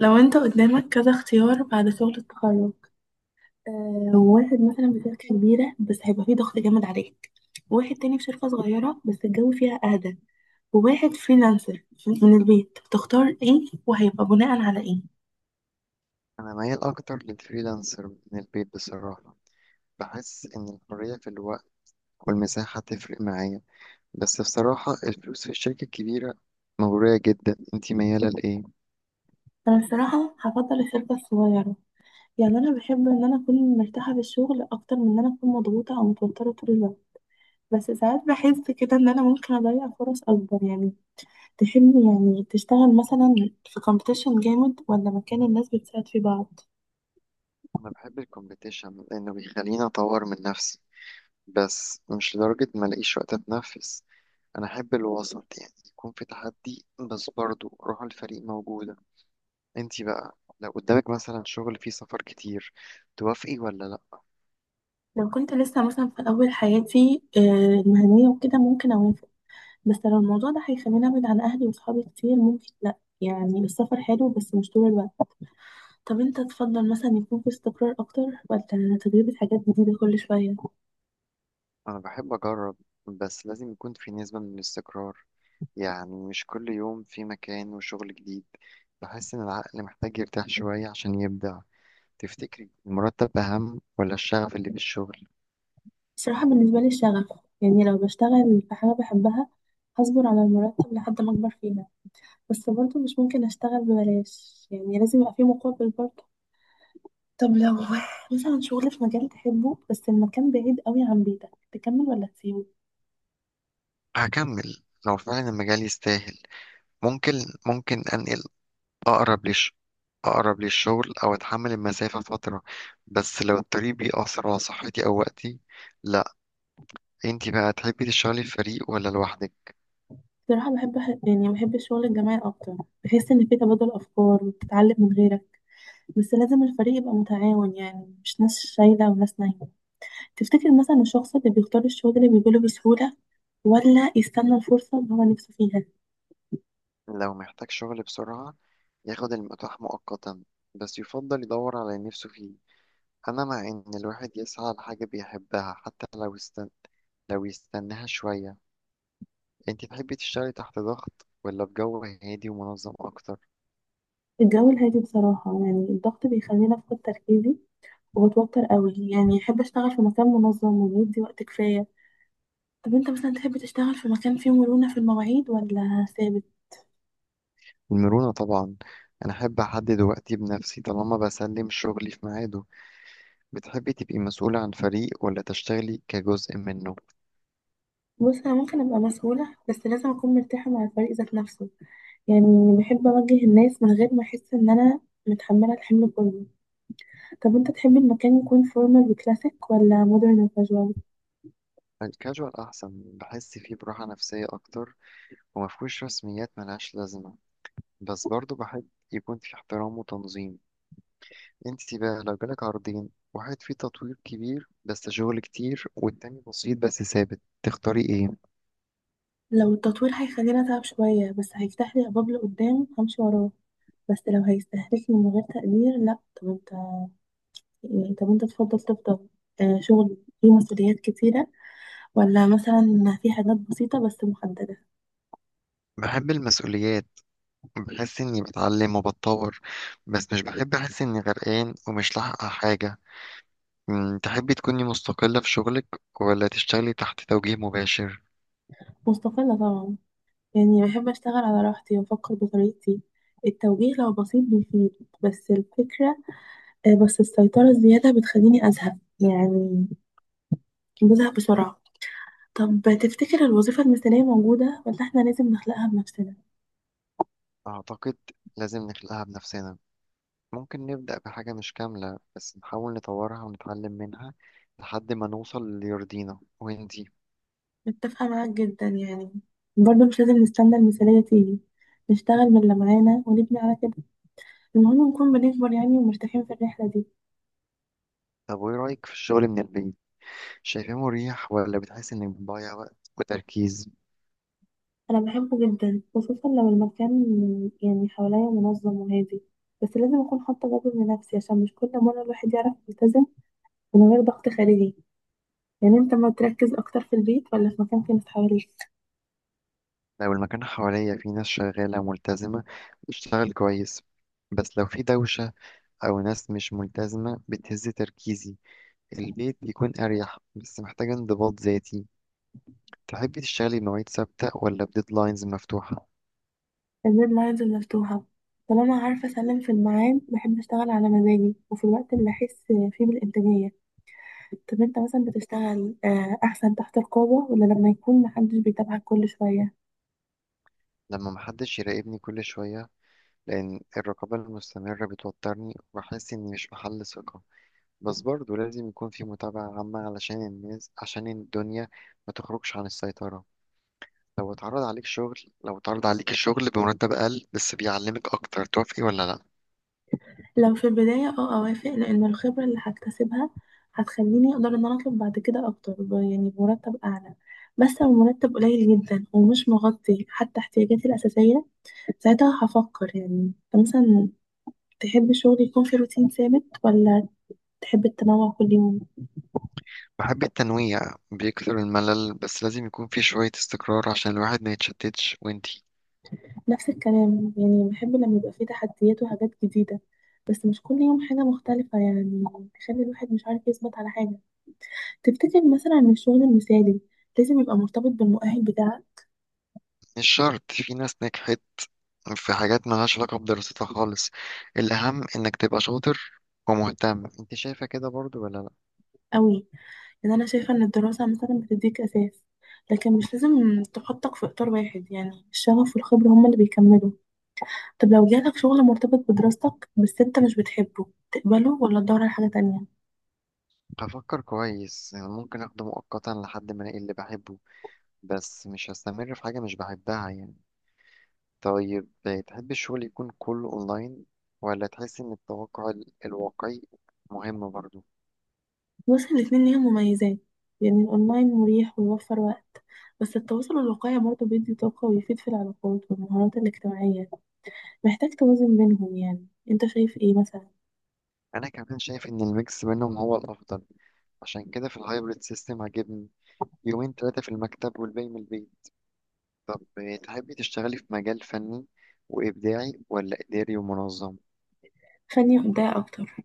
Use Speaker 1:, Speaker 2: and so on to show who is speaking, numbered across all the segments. Speaker 1: لو انت قدامك كذا اختيار بعد شغل التخرج. آه واحد مثلا في شركة كبيرة بس هيبقى فيه ضغط جامد عليك، وواحد تاني في شركة صغيرة بس الجو فيها أهدى، وواحد فريلانسر من البيت. تختار ايه وهيبقى بناء على ايه؟
Speaker 2: أنا ميال أكتر للفريلانسر من البيت بصراحة. بحس إن الحرية في الوقت والمساحة تفرق معايا، بس بصراحة الفلوس في الشركة الكبيرة مغرية جدا. انتي ميالة لإيه؟
Speaker 1: انا الصراحة هفضل الشركة الصغيرة، يعني انا بحب ان انا اكون مرتاحة في الشغل اكتر من ان انا اكون مضغوطة او متوترة طول الوقت. بس ساعات بحس كده ان انا ممكن اضيع فرص اكبر يعني. تحب يعني تشتغل مثلا في كومبيتيشن جامد ولا مكان الناس بتساعد في بعض؟
Speaker 2: أنا بحب الكومبيتيشن لأنه بيخليني أطور من نفسي، بس مش لدرجة ما ألاقيش وقت أتنفس. أنا أحب الوسط، يعني يكون في تحدي بس برضه روح الفريق موجودة. انتي بقى لو قدامك مثلا شغل فيه سفر كتير، توافقي ولا لأ؟
Speaker 1: لو كنت لسه مثلا في أول حياتي المهنية وكده ممكن أوافق، بس لو الموضوع ده هيخليني أبعد عن أهلي وصحابي كتير ممكن لأ، يعني السفر حلو بس مش طول الوقت. طب أنت تفضل مثلا يكون في استقرار أكتر ولا تجربة حاجات جديدة كل شوية؟
Speaker 2: أنا بحب أجرب، بس لازم يكون في نسبة من الاستقرار، يعني مش كل يوم في مكان وشغل جديد. بحس إن العقل محتاج يرتاح شوية عشان يبدع. تفتكري المرتب أهم ولا الشغف اللي في الشغل؟
Speaker 1: بصراحة بالنسبة لي الشغف، يعني لو بشتغل في حاجة بحبها هصبر على المرتب لحد ما أكبر فيها، بس برضه مش ممكن أشتغل ببلاش، يعني لازم يبقى في مقابل برضه. طب لو مثلا شغل في مجال تحبه بس المكان بعيد قوي عن بيتك، تكمل ولا تسيبه؟
Speaker 2: هكمل لو فعلا المجال يستاهل. ممكن ممكن أنقل أقرب ليش، أقرب للشغل أو أتحمل المسافة فترة، بس لو الطريق بيأثر على صحتي أو وقتي، لأ. أنتي بقى تحبي تشتغلي في فريق ولا لوحدك؟
Speaker 1: بصراحة بحب، يعني بحب الشغل الجماعي أكتر، بحس إن في تبادل أفكار وبتتعلم من غيرك، بس لازم الفريق يبقى متعاون، يعني مش ناس شايلة وناس نايمة. تفتكر مثلا الشخص اللي بيختار الشغل اللي بيجيله بسهولة ولا يستنى الفرصة اللي هو نفسه فيها؟
Speaker 2: لو محتاج شغل بسرعة، ياخد المتاح مؤقتا بس يفضل يدور على اللي نفسه فيه. أنا مع إن الواحد يسعى لحاجة بيحبها حتى لو يستناها شوية. أنت تحبي تشتغلي تحت ضغط ولا بجو هادي ومنظم أكتر؟
Speaker 1: الجو الهادي بصراحة، يعني الضغط بيخليني أفقد تركيزي وبتوتر قوي، يعني أحب أشتغل في مكان منظم وبيدي وقت كفاية. طب انت مثلا تحب تشتغل في مكان فيه مرونة في المواعيد ولا ثابت؟
Speaker 2: المرونة طبعا، أنا أحب أحدد وقتي بنفسي طالما بسلم شغلي في ميعاده. بتحبي تبقي مسؤولة عن فريق ولا تشتغلي كجزء منه؟
Speaker 1: بص انا ممكن ابقى مسؤولة بس لازم اكون مرتاحة مع الفريق ذات نفسه، يعني بحب اوجه الناس من غير ما احس ان انا متحملة الحمل كله. طب انت تحب المكان يكون فورمال وكلاسيك ولا مودرن وكاجوال؟
Speaker 2: الكاجوال أحسن، بحس فيه براحة نفسية أكتر ومفهوش رسميات ملهاش لازمة، بس برضو بحب يكون في احترام وتنظيم. انت بقى لو جالك عرضين، واحد فيه تطوير كبير بس شغل كتير والتاني بسيط بس ثابت، تختاري ايه؟
Speaker 1: لو التطوير هيخليني اتعب شوية بس هيفتح لي ابواب لقدام همشي وراه، بس لو هيستهلكني من غير تقدير لا. طب انت، يعني طب انت تفضل شغل فيه مسؤوليات كتيرة، ولا مثلا في حاجات بسيطة بس محددة؟
Speaker 2: بحب المسؤوليات، بحس اني بتعلم وبتطور، بس مش بحب احس اني غرقان ومش لاحقة على حاجة. تحبي تكوني مستقلة في شغلك ولا تشتغلي تحت توجيه مباشر؟
Speaker 1: مستقلة طبعا، يعني بحب أشتغل على راحتي وأفكر بطريقتي. التوجيه لو بسيط بيفيد، بس الفكرة بس السيطرة الزيادة بتخليني أزهق، يعني بزهق بسرعة. طب تفتكر الوظيفة المثالية موجودة ولا إحنا لازم نخلقها بنفسنا؟
Speaker 2: اعتقد لازم نخلقها بنفسنا. ممكن نبدأ بحاجة مش كاملة بس نحاول نطورها ونتعلم منها لحد ما نوصل اللي يرضينا. وانتي؟
Speaker 1: متفقة معاك جدا، يعني برضه مش لازم نستنى المثالية تيجي، نشتغل من اللي معانا ونبني على كده. المهم نكون بنكبر يعني ومرتاحين في الرحلة دي.
Speaker 2: طب وايه رأيك في الشغل من البيت؟ شايفاه مريح ولا بتحس انك بتضيع وقت وتركيز؟
Speaker 1: أنا بحبه جدا، خصوصا لو المكان يعني حواليا منظم وهادي، بس لازم أكون حاطة جدول لنفسي عشان مش كل مرة الواحد يعرف يلتزم من غير ضغط خارجي. يعني أنت ما تركز أكتر في البيت ولا في مكان فيه ناس حواليك؟
Speaker 2: لو المكان حواليا فيه ناس شغالة ملتزمة بتشتغل كويس، بس لو في دوشة أو ناس مش ملتزمة بتهز تركيزي. البيت بيكون أريح بس محتاج انضباط ذاتي. تحبي تشتغلي بمواعيد ثابتة ولا بديدلاينز مفتوحة؟
Speaker 1: الديدلاينز مفتوحة، طالما عارفة أسلم في الميعاد بحب أشتغل على مزاجي وفي الوقت اللي أحس فيه بالإنتاجية. طب أنت مثلا بتشتغل، أحسن تحت رقابة ولا لما يكون محدش بيتابعك كل شوية؟
Speaker 2: لما محدش يراقبني كل شوية، لأن الرقابة المستمرة بتوترني وبحس إني مش بحل ثقة، بس برضه لازم يكون في متابعة عامة علشان الناس، عشان الدنيا ما تخرجش عن السيطرة. لو اتعرض عليك شغل لو اتعرض عليك الشغل بمرتب أقل بس بيعلمك أكتر، توافقي ولا لأ؟
Speaker 1: لو في البداية اه اوافق، لان الخبرة اللي هكتسبها هتخليني اقدر ان انا اطلب بعد كده اكتر يعني بمرتب اعلى، بس لو مرتب قليل جدا ومش مغطي حتى احتياجاتي الأساسية ساعتها هفكر. يعني أنت مثلا تحب الشغل يكون في روتين ثابت ولا تحب التنوع كل يوم؟
Speaker 2: بحب التنويع، بيكثر الملل، بس لازم يكون في شوية استقرار عشان الواحد ما يتشتتش. وانتي؟
Speaker 1: نفس الكلام، يعني بحب لما يبقى فيه تحديات وحاجات جديدة، بس مش كل يوم حاجة مختلفة يعني تخلي الواحد مش عارف يثبت على حاجة. تفتكر مثلا إن الشغل المثالي لازم يبقى مرتبط بالمؤهل بتاعك؟
Speaker 2: مش شرط، في ناس نجحت في حاجات ملهاش علاقة بدراستها خالص. الأهم إنك تبقى شاطر ومهتم. انت شايفة كده برضو ولا لأ؟
Speaker 1: قوي، لان انا شايفه ان الدراسه مثلا بتديك اساس، لكن مش لازم تحطك في اطار واحد، يعني الشغف والخبره هما اللي بيكملوا. طب لو جالك شغل مرتبط بدراستك بس انت مش بتحبه، تقبله ولا تدور على حاجه تانية؟
Speaker 2: هفكر كويس، يعني ممكن اخده مؤقتا لحد ما الاقي اللي بحبه، بس مش هستمر في حاجة مش بحبها يعني. طيب، تحب الشغل يكون كله اونلاين ولا تحس ان التوقع الواقعي مهم برضو؟
Speaker 1: بس الاتنين ليهم مميزات، يعني الاونلاين مريح ويوفر وقت، بس التواصل الواقعي برضه بيدي طاقه ويفيد في العلاقات والمهارات الاجتماعيه. محتاج توازن بينهم، يعني انت شايف ايه مثلا؟
Speaker 2: انا كمان شايف ان الميكس بينهم هو الافضل، عشان كده في الهايبريد سيستم عاجبني، يومين ثلاثة في المكتب والباقي من البيت. طب تحبي تشتغلي في مجال فني وابداعي ولا اداري ومنظم؟
Speaker 1: خليني في ده اكتر،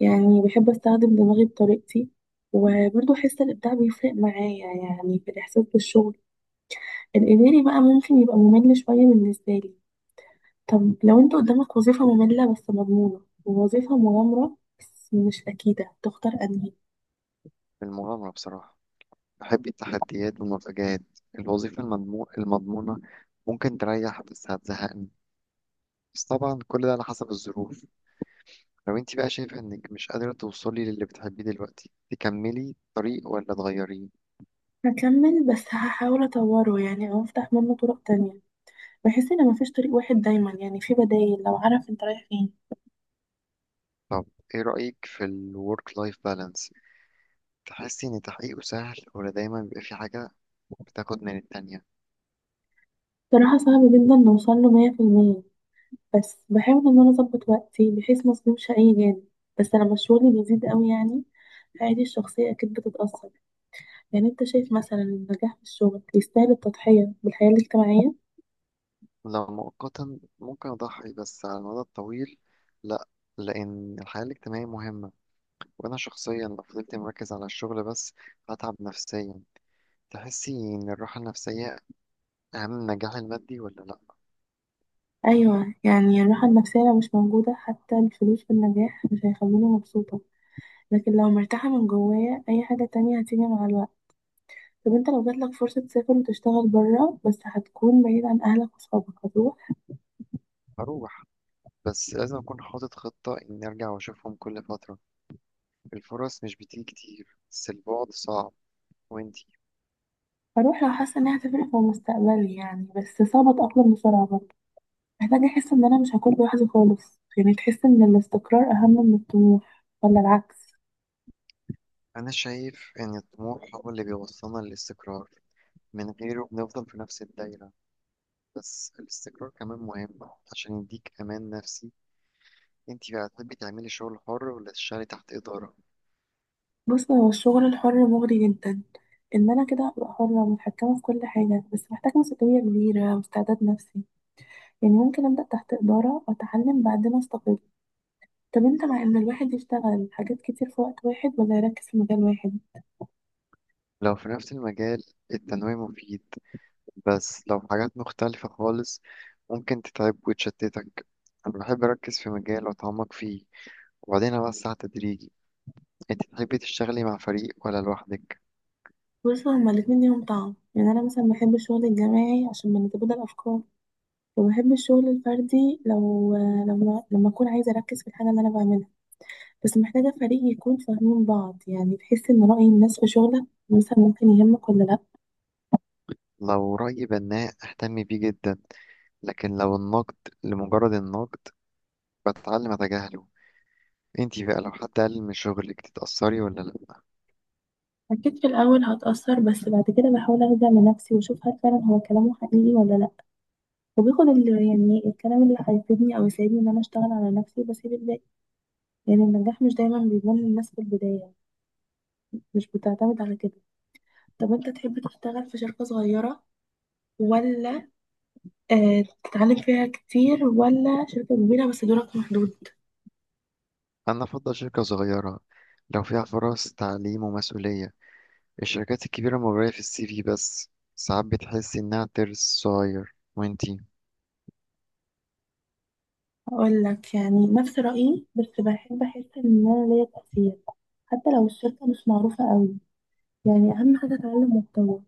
Speaker 1: يعني بحب استخدم دماغي بطريقتي وبرضه احس الابداع بيفرق معايا، يعني في الاحساس بالشغل. الاداري بقى ممكن يبقى ممل شويه بالنسبه لي. طب لو انت قدامك وظيفه ممله بس مضمونه، ووظيفه مغامره بس مش اكيده، تختار انهي؟
Speaker 2: في المغامرة بصراحة، بحب التحديات والمفاجآت. الوظيفة المضمونة ممكن تريح بس هتزهقني، بس طبعا كل ده على حسب الظروف. لو انت بقى شايفة انك مش قادرة توصلي للي بتحبيه دلوقتي، تكملي الطريق ولا تغيريه؟
Speaker 1: هكمل بس هحاول اطوره، يعني او افتح منه طرق تانية. بحس ان مفيش طريق واحد دايما، يعني في بدايل لو عارف انت رايح فين.
Speaker 2: طب ايه رأيك في الورك لايف بالانس؟ تحسي ان تحقيقه سهل ولا دايما بيبقى في حاجة بتاخد من التانية؟
Speaker 1: صراحه صعب جدا نوصل له 100%، بس بحاول ان انا اظبط وقتي بحيث ما اظلمش اي جانب، بس لما الشغل بيزيد قوي يعني حياتي الشخصية اكيد بتتأثر. يعني انت شايف مثلا إن النجاح في الشغل يستاهل التضحية بالحياة الاجتماعية؟
Speaker 2: لو مؤقتا ممكن اضحي، بس على المدى الطويل لا، لان الحياة الاجتماعية مهمة، وأنا شخصيا لو فضلت مركز على الشغل بس هتعب نفسيا. تحسي إن الراحة النفسية أهم من النجاح المادي ولا لأ؟
Speaker 1: ايوه، يعني الراحة النفسية لو مش موجودة حتى الفلوس في النجاح مش هيخلوني مبسوطة، لكن لو مرتاحة من جوايا اي حاجة تانية هتيجي مع الوقت. طب انت لو جاتلك فرصة تسافر وتشتغل بره بس هتكون بعيد عن اهلك وصحابك، هتروح؟
Speaker 2: هروح، بس لازم أكون حاطط خطة إني أرجع وأشوفهم كل فترة. الفرص مش بتيجي كتير بس البعد صعب. وإنتي؟
Speaker 1: هروح لو حاسة انها هتفرق في مستقبلي يعني، بس صعب اتأقلم بسرعة برضه، محتاجة أحس إن أنا مش هكون لوحدي خالص. يعني تحس إن الاستقرار أهم من الطموح ولا العكس؟
Speaker 2: أنا شايف إن الطموح هو اللي بيوصلنا للاستقرار، من غيره بنفضل في نفس الدايرة، بس الاستقرار كمان مهم عشان يديك أمان نفسي. إنتي بقى تحبي تعملي شغل حر ولا تشتغلي تحت إدارة؟
Speaker 1: بص هو الشغل الحر مغري جدا، إن أنا كده هبقى حرة ومتحكمة في كل حاجة، بس محتاجة مسؤولية كبيرة واستعداد نفسي، يعني ممكن أبدأ تحت إدارة وأتعلم بعدين أستقل. طب أنت مع إن الواحد يشتغل حاجات كتير في وقت واحد ولا يركز في مجال واحد؟
Speaker 2: لو في نفس المجال التنويع مفيد، بس لو حاجات مختلفة خالص ممكن تتعب وتشتتك. أنا بحب أركز في مجال وأتعمق فيه وبعدين أوسع تدريجي. أنت تحبي تشتغلي مع فريق ولا لوحدك؟
Speaker 1: بص هما الاتنين ليهم طعم، يعني أنا مثلا بحب الشغل الجماعي عشان بنتبادل أفكار، وبحب الشغل الفردي لو لما لما أكون عايزة أركز في الحاجة اللي أنا بعملها، بس محتاجة فريق يكون فاهمين بعض. يعني تحس إن رأي الناس في شغلك مثلا ممكن يهمك ولا لأ؟
Speaker 2: لو رأي بناء أهتم بيه جدا، لكن لو النقد لمجرد النقد بتعلم أتجاهله. أنت بقى لو حد قلل من شغلك تتأثري ولا لأ؟
Speaker 1: أكيد في الأول هتأثر، بس بعد كده بحاول أرجع لنفسي وأشوف هل فعلا هو كلامه حقيقي ولا لأ، وباخد يعني الكلام اللي هيفيدني أو يساعدني إن أنا أشتغل على نفسي وبسيب الباقي. يعني النجاح مش دايما بيبان للناس في البداية، مش بتعتمد على كده. طب أنت تحب تشتغل في شركة صغيرة ولا تتعلم فيها كتير، ولا شركة كبيرة بس دورك محدود؟
Speaker 2: أنا أفضل شركة صغيرة لو فيها فرص تعليم ومسؤولية. الشركات الكبيرة مغرية في الـ CV بس ساعات بتحسي إنها ترس صغير. وأنتي؟
Speaker 1: هقول لك يعني نفس رأيي، بس بحب أحس إن أنا ليا تأثير حتى لو الشركة مش معروفة قوي، يعني أهم حاجة أتعلم وأتطور.